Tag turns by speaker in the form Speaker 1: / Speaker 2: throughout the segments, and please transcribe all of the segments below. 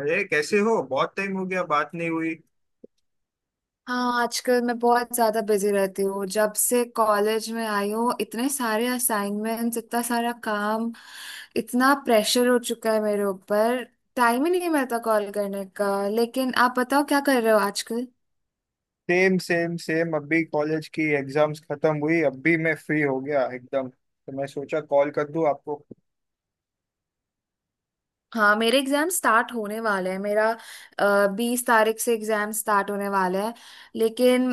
Speaker 1: अरे, कैसे हो? बहुत टाइम हो गया, बात नहीं हुई।
Speaker 2: हाँ, आजकल मैं बहुत ज्यादा बिजी रहती हूँ। जब से कॉलेज में आई हूँ इतने सारे असाइनमेंट्स, इतना सारा काम, इतना प्रेशर हो चुका है मेरे ऊपर। टाइम ही नहीं मिलता कॉल करने का। लेकिन आप बताओ क्या कर रहे हो आजकल?
Speaker 1: सेम सेम सेम, अभी कॉलेज की एग्जाम्स खत्म हुई, अभी मैं फ्री हो गया एकदम, तो मैं सोचा कॉल कर दूं आपको।
Speaker 2: हाँ, मेरे एग्जाम स्टार्ट होने वाले हैं। मेरा 20 तारीख से एग्जाम स्टार्ट होने वाला है। लेकिन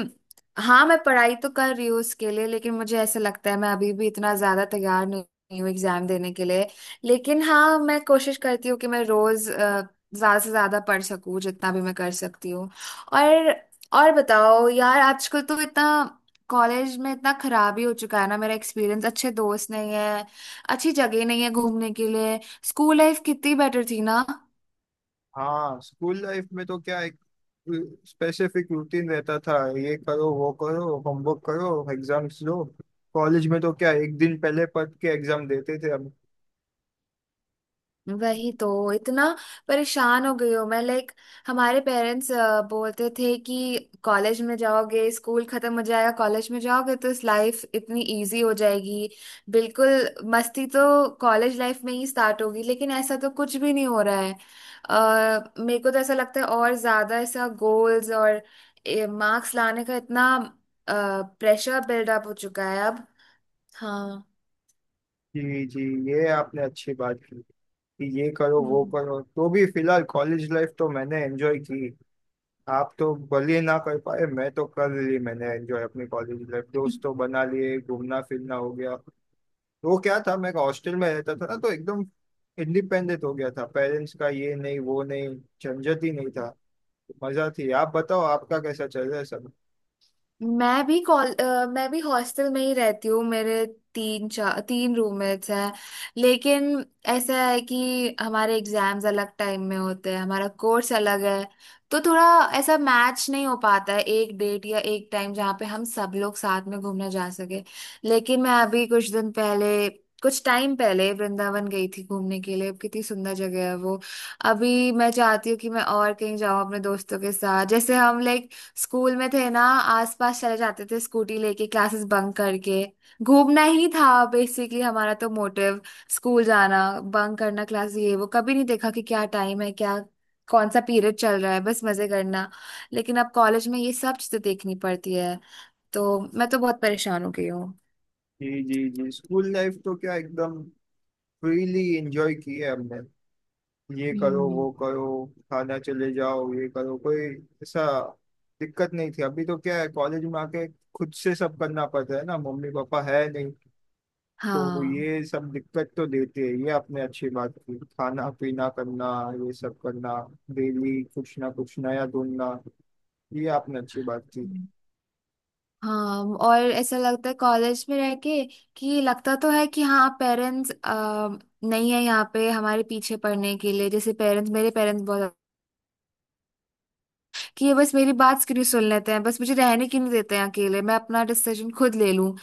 Speaker 2: हाँ, मैं पढ़ाई तो कर रही हूँ उसके लिए, लेकिन मुझे ऐसा लगता है मैं अभी भी इतना ज्यादा तैयार नहीं हूँ एग्जाम देने के लिए। लेकिन हाँ, मैं कोशिश करती हूँ कि मैं रोज ज्यादा से ज्यादा पढ़ सकूँ, जितना भी मैं कर सकती हूँ। और और बताओ यार, आजकल तो इतना कॉलेज में इतना खराब ही हो चुका है ना मेरा एक्सपीरियंस। अच्छे दोस्त नहीं है, अच्छी जगह नहीं है घूमने के लिए। स्कूल लाइफ कितनी बेटर थी ना।
Speaker 1: हाँ, स्कूल लाइफ में तो क्या एक स्पेसिफिक रूटीन रहता था, ये करो, वो करो, होमवर्क करो, एग्जाम्स दो। कॉलेज में तो क्या, एक दिन पहले पढ़ के एग्जाम देते थे हम।
Speaker 2: वही तो, इतना परेशान हो गई हूँ मैं। लाइक हमारे पेरेंट्स बोलते थे कि कॉलेज में जाओगे स्कूल खत्म हो जाएगा, कॉलेज में जाओगे तो इस लाइफ इतनी इजी हो जाएगी, बिल्कुल मस्ती तो कॉलेज लाइफ में ही स्टार्ट होगी। लेकिन ऐसा तो कुछ भी नहीं हो रहा है। मेरे को तो ऐसा लगता है और ज्यादा ऐसा गोल्स और मार्क्स लाने का इतना प्रेशर बिल्डअप हो चुका है अब। हाँ।
Speaker 1: जी जी, ये आपने अच्छी बात की कि ये करो वो
Speaker 2: हम्म।
Speaker 1: करो, तो भी फिलहाल कॉलेज लाइफ तो मैंने एंजॉय की। आप तो भले ना कर पाए, मैं तो कर ली, मैंने एंजॉय अपनी कॉलेज लाइफ, दोस्त तो बना लिए, घूमना फिरना हो गया। वो क्या था, मैं हॉस्टल में रहता था ना, तो एकदम इंडिपेंडेंट हो गया था, पेरेंट्स का ये नहीं वो नहीं, झंझट ही नहीं था। मजा थी। आप बताओ, आपका कैसा चल रहा है सब?
Speaker 2: मैं भी हॉस्टल में ही रहती हूँ। मेरे तीन रूममेट्स हैं। लेकिन ऐसा है कि हमारे एग्जाम्स अलग टाइम में होते हैं, हमारा कोर्स अलग है। तो थोड़ा ऐसा मैच नहीं हो पाता है एक डेट या एक टाइम जहाँ पे हम सब लोग साथ में घूमने जा सके। लेकिन मैं अभी कुछ दिन पहले, कुछ टाइम पहले वृंदावन गई थी घूमने के लिए। कितनी सुंदर जगह है वो। अभी मैं चाहती हूँ कि मैं और कहीं जाऊँ अपने दोस्तों के साथ, जैसे हम लाइक स्कूल में थे ना, आसपास चले जाते थे स्कूटी लेके, क्लासेस बंक करके। घूमना ही था बेसिकली हमारा तो मोटिव, स्कूल जाना, बंक करना क्लास, ये वो कभी नहीं देखा कि क्या टाइम है, क्या कौन सा पीरियड चल रहा है, बस मजे करना। लेकिन अब कॉलेज में ये सब चीजें देखनी पड़ती है। तो मैं तो बहुत परेशान हो गई हूँ।
Speaker 1: जी जी जी, स्कूल लाइफ तो क्या एकदम फ्रीली एंजॉय की है हमने। ये करो
Speaker 2: हम्म।
Speaker 1: वो करो, थाना चले जाओ, ये करो, कोई ऐसा दिक्कत नहीं थी। अभी तो क्या है, कॉलेज में आके खुद से सब करना पड़ता है ना, मम्मी पापा है नहीं, तो
Speaker 2: हाँ।
Speaker 1: ये सब दिक्कत तो देती है। ये आपने अच्छी बात की, खाना पीना करना, ये सब करना, डेली कुछ ना कुछ नया ढूंढना, ये आपने अच्छी बात की।
Speaker 2: हाँ, और ऐसा लगता है कॉलेज में रह के कि लगता तो है कि हाँ पेरेंट्स नहीं है यहाँ पे हमारे पीछे पढ़ने के लिए, जैसे पेरेंट्स, मेरे पेरेंट्स बहुत, कि ये बस मेरी बात क्यों नहीं सुन लेते हैं, बस मुझे रहने क्यों नहीं देते हैं अकेले, मैं अपना डिसीजन खुद ले लूं।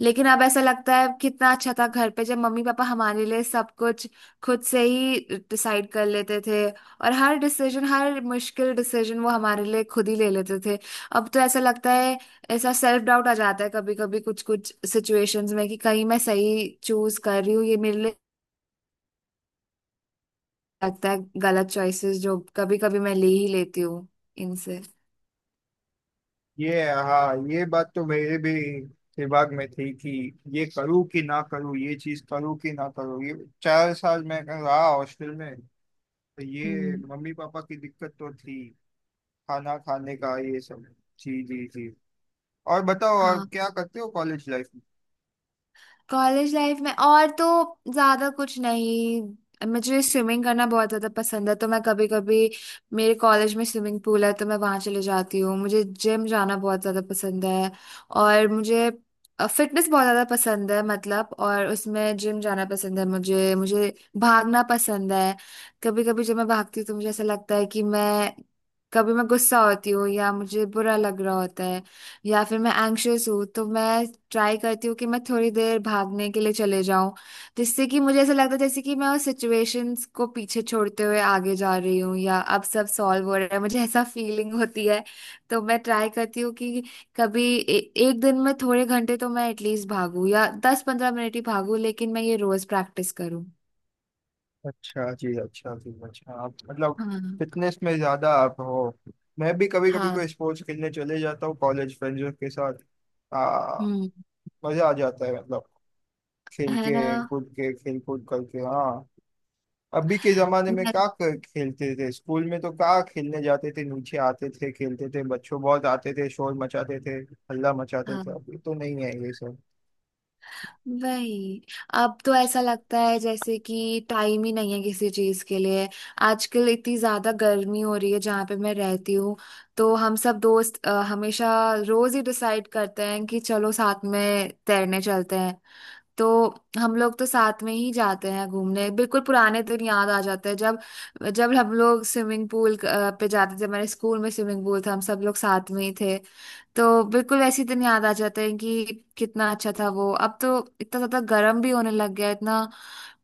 Speaker 2: लेकिन अब ऐसा लगता है कितना अच्छा था घर पे जब मम्मी पापा हमारे लिए सब कुछ खुद से ही डिसाइड कर लेते थे, और हर डिसीजन, हर मुश्किल डिसीजन वो हमारे लिए खुद ही ले लेते थे। अब तो ऐसा लगता है ऐसा सेल्फ डाउट आ जाता है कभी कभी कुछ कुछ सिचुएशंस में कि कहीं मैं सही चूज कर रही हूँ ये मेरे लिए। लगता है गलत चॉइसेस जो कभी कभी मैं ले ही लेती हूँ इनसे।
Speaker 1: ये हाँ, ये बात तो मेरे भी दिमाग में थी कि ये करूँ कि ना करूँ, ये चीज करूँ कि ना करूँ, ये 4 साल मैं रहा हॉस्टल में, तो ये
Speaker 2: हम्म।
Speaker 1: मम्मी पापा की दिक्कत तो थी, खाना खाने का ये सब। जी जी जी। और बताओ, और
Speaker 2: हाँ।
Speaker 1: क्या करते हो कॉलेज लाइफ में?
Speaker 2: कॉलेज लाइफ में और तो ज्यादा कुछ नहीं। मुझे स्विमिंग करना बहुत ज्यादा पसंद है, तो मैं कभी कभी, मेरे कॉलेज में स्विमिंग पूल है तो मैं वहां चले जाती हूँ। मुझे जिम जाना बहुत ज्यादा पसंद है। और मुझे फिटनेस बहुत ज्यादा पसंद है, मतलब, और उसमें जिम जाना पसंद है मुझे मुझे भागना पसंद है। कभी कभी जब मैं भागती हूँ तो मुझे ऐसा लगता है कि मैं, कभी मैं गुस्सा होती हूँ या मुझे बुरा लग रहा होता है या फिर मैं एंग्शियस हूँ, तो मैं ट्राई करती हूँ कि मैं थोड़ी देर भागने के लिए चले जाऊं, जिससे कि मुझे ऐसा लगता है जैसे कि मैं उस सिचुएशंस को पीछे छोड़ते हुए आगे जा रही हूँ या अब सब सॉल्व हो रहा है, मुझे ऐसा फीलिंग होती है। तो मैं ट्राई करती हूँ कि कभी एक दिन में थोड़े घंटे तो मैं एटलीस्ट भागूं, या 10-15 मिनट ही भागूं, लेकिन मैं ये रोज प्रैक्टिस करूँ।
Speaker 1: अच्छा जी, अच्छा जी, अच्छा, आप मतलब
Speaker 2: हाँ।
Speaker 1: फिटनेस में ज्यादा आप हो। मैं भी कभी कभी
Speaker 2: हाँ।
Speaker 1: कोई स्पोर्ट्स खेलने चले जाता हूँ कॉलेज फ्रेंड्स के साथ। आ,
Speaker 2: हम्म।
Speaker 1: मजा आ जाता है, मतलब खेल
Speaker 2: है ना।
Speaker 1: के कूद के, खेल कूद करके। हाँ, अभी के जमाने में
Speaker 2: मैं-
Speaker 1: क्या खेलते थे? स्कूल में तो क्या, खेलने जाते थे, नीचे आते थे, खेलते थे, बच्चों बहुत आते थे, शोर मचाते थे, हल्ला मचाते
Speaker 2: हाँ।
Speaker 1: थे। अभी तो नहीं है ये सब।
Speaker 2: वही। अब तो ऐसा लगता है जैसे कि टाइम ही नहीं है किसी चीज के लिए। आजकल इतनी ज्यादा गर्मी हो रही है जहाँ पे मैं रहती हूँ। तो हम सब दोस्त हमेशा, रोज ही डिसाइड करते हैं कि चलो साथ में तैरने चलते हैं। तो हम लोग तो साथ में ही जाते हैं घूमने। बिल्कुल पुराने दिन याद आ जाते हैं, जब जब हम लोग स्विमिंग पूल पे जाते थे। हमारे स्कूल में स्विमिंग पूल था, हम सब लोग साथ में ही थे। तो बिल्कुल वैसे ही दिन याद आ जाते हैं कि कितना अच्छा था वो। अब तो इतना ज्यादा गर्म भी होने लग गया है, इतना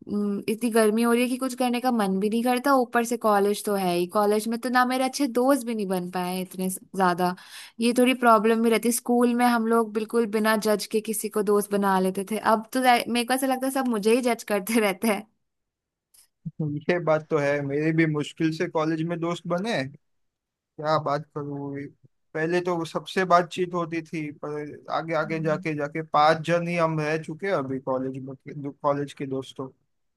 Speaker 2: इतनी गर्मी हो रही है कि कुछ करने का मन भी नहीं करता। ऊपर से कॉलेज तो है ही, कॉलेज में तो ना मेरे अच्छे दोस्त भी नहीं बन पाए हैं इतने ज्यादा। ये थोड़ी प्रॉब्लम भी रहती। स्कूल में हम लोग बिल्कुल बिना जज के किसी को दोस्त बना लेते थे, अब तो मेरे को ऐसा लगता है सब मुझे ही जज करते रहते हैं।
Speaker 1: ये बात तो है, मेरे भी मुश्किल से कॉलेज में दोस्त बने। क्या बात करूँ, पहले तो सबसे बातचीत होती थी, पर आगे आगे
Speaker 2: हम्म।
Speaker 1: जाके जाके 5 जन ही हम रह चुके हैं अभी कॉलेज में, कॉलेज के दोस्तों।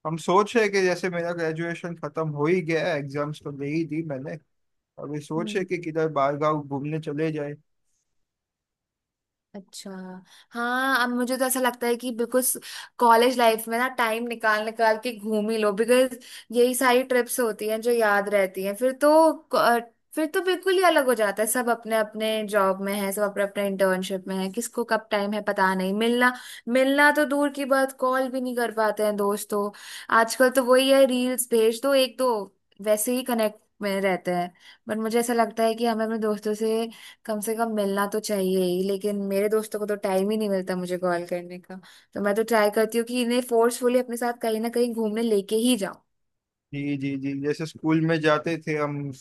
Speaker 1: हम सोच रहे हैं कि जैसे मेरा ग्रेजुएशन खत्म हो ही गया है, एग्जाम्स तो दे ही दी मैंने, अभी सोचे
Speaker 2: हम्म।
Speaker 1: कि किधर बाहर गाँव घूमने चले जाए।
Speaker 2: अच्छा। हाँ, अब मुझे तो ऐसा लगता है कि बिल्कुल कॉलेज लाइफ में ना टाइम निकाल निकाल के घूम ही लो, बिकॉज यही सारी ट्रिप्स होती हैं जो याद रहती हैं फिर तो। अ, फिर तो बिल्कुल ही अलग हो जाता है सब, अपने अपने जॉब में है, सब अपने अपने इंटर्नशिप में है, किसको कब टाइम है पता नहीं। मिलना, मिलना तो दूर की बात, कॉल भी नहीं कर पाते हैं दोस्तों। आजकल तो वही है, रील्स भेज दो एक दो, वैसे ही कनेक्ट में रहते हैं। बट मुझे ऐसा लगता है कि हमें अपने दोस्तों से कम मिलना तो चाहिए ही। लेकिन मेरे दोस्तों को तो टाइम ही नहीं मिलता मुझे कॉल करने का। तो मैं तो ट्राई करती हूँ कि इन्हें फोर्सफुली अपने साथ कहीं ना कहीं घूमने लेके ही जाऊं।
Speaker 1: जी जी जी, जैसे स्कूल में जाते थे हम,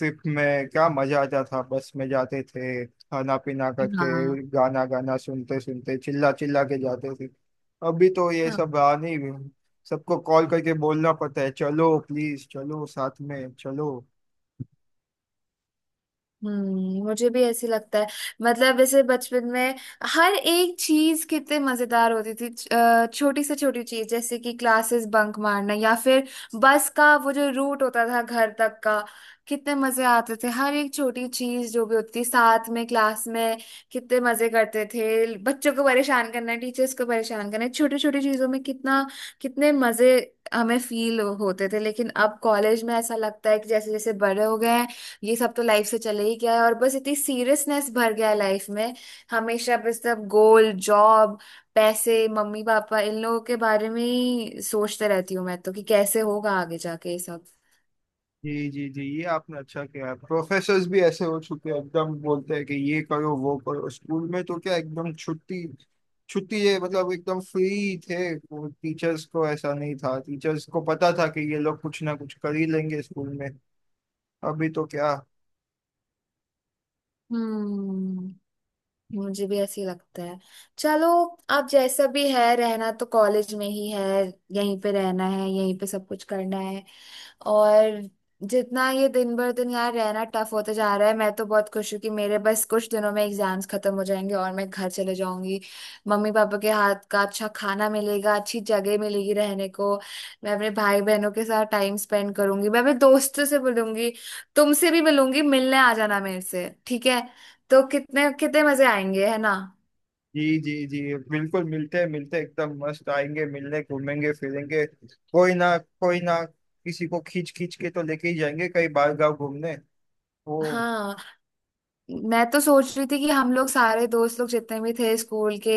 Speaker 1: ट्रिप में क्या मजा आता था, बस में जाते थे, खाना पीना करके, गाना गाना सुनते सुनते, चिल्ला चिल्ला के जाते थे। अभी तो ये
Speaker 2: हाँ।
Speaker 1: सब रहा नहीं, सबको कॉल करके बोलना पड़ता है, चलो प्लीज चलो साथ में चलो।
Speaker 2: हम्म, मुझे भी ऐसे लगता है, मतलब जैसे बचपन में हर एक चीज कितने मजेदार होती थी, छोटी से छोटी चीज, जैसे कि क्लासेस बंक मारना या फिर बस का वो जो रूट होता था घर तक का, कितने मजे आते थे। हर एक छोटी चीज जो भी होती थी साथ में क्लास में कितने मजे करते थे, बच्चों को परेशान करना, टीचर्स को परेशान करना, छोटी छोटी चीजों में कितना, कितने मजे हमें फील होते थे। लेकिन अब कॉलेज में ऐसा लगता है कि जैसे जैसे बड़े हो गए हैं, ये सब तो लाइफ से चले ही गया है और बस इतनी सीरियसनेस भर गया है लाइफ में, हमेशा बस सब गोल, जॉब, पैसे, मम्मी पापा, इन लोगों के बारे में ही सोचते रहती हूँ मैं तो कि कैसे होगा आगे जाके ये सब।
Speaker 1: जी जी जी, ये आपने अच्छा किया। प्रोफेसर्स भी ऐसे हो चुके हैं एकदम, बोलते हैं कि ये करो वो करो। स्कूल में तो क्या एकदम छुट्टी छुट्टी है, मतलब एकदम फ्री थे वो, टीचर्स को ऐसा नहीं था, टीचर्स को पता था कि ये लोग कुछ ना कुछ कर ही लेंगे स्कूल में। अभी तो क्या।
Speaker 2: हम्म, मुझे भी ऐसे ही लगता है। चलो, आप जैसा भी है, रहना तो कॉलेज में ही है, यहीं पे रहना है, यहीं पे सब कुछ करना है। और जितना ये दिन भर दिन यार रहना टफ होता जा रहा है, मैं तो बहुत खुश हूँ कि मेरे बस कुछ दिनों में एग्जाम्स खत्म हो जाएंगे और मैं घर चले जाऊंगी। मम्मी पापा के हाथ का अच्छा खाना मिलेगा, अच्छी जगह मिलेगी रहने को। मैं अपने भाई बहनों के साथ टाइम स्पेंड करूंगी, मैं अपने दोस्तों से मिलूंगी, तुमसे भी मिलूंगी। मिलने आ जाना मेरे से, ठीक है? तो कितने कितने मजे आएंगे, है ना।
Speaker 1: जी जी जी, बिल्कुल मिलते हैं, मिलते हैं, एकदम मस्त आएंगे मिलने, घूमेंगे फिरेंगे, कोई ना, कोई ना किसी को खींच खींच के तो लेके ही जाएंगे कहीं बाहर गाँव घूमने। वो,
Speaker 2: हाँ, मैं तो सोच रही थी कि हम लोग सारे दोस्त लोग जितने भी थे स्कूल के,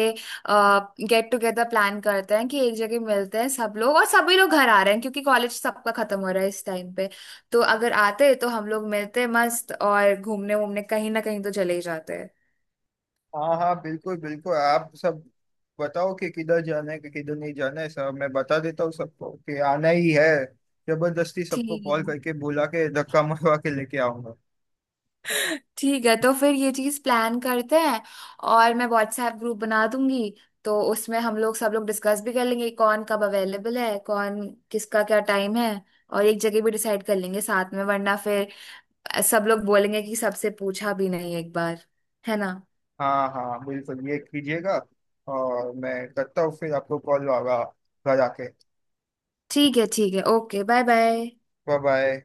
Speaker 2: गेट टुगेदर प्लान करते हैं कि एक जगह मिलते हैं सब लोग। और सभी लोग घर आ रहे हैं क्योंकि कॉलेज सबका खत्म हो रहा है इस टाइम पे। तो अगर आते तो हम लोग मिलते मस्त, और घूमने वूमने कहीं ना कहीं तो चले ही जाते हैं।
Speaker 1: हाँ हाँ, बिल्कुल बिल्कुल। आप सब बताओ कि किधर जाना है कि किधर नहीं जाना है, सब मैं बता देता हूँ सबको कि आना ही है। जबरदस्ती सबको
Speaker 2: ठीक है।
Speaker 1: कॉल करके बुला के धक्का मरवा के लेके आऊंगा।
Speaker 2: ठीक है, तो फिर ये चीज प्लान करते हैं। और मैं व्हाट्सएप ग्रुप बना दूंगी, तो उसमें हम लोग सब लोग डिस्कस भी कर लेंगे, कौन कब अवेलेबल है, कौन किसका क्या टाइम है। और एक जगह भी डिसाइड कर लेंगे साथ में वरना फिर सब लोग बोलेंगे कि सबसे पूछा भी नहीं एक बार। है ना?
Speaker 1: हाँ हाँ, बिल्कुल ये कीजिएगा। और मैं करता हूँ फिर आपको कॉल आगा, घर आके।
Speaker 2: ठीक है, ठीक है, okay. Bye bye.
Speaker 1: Bye bye.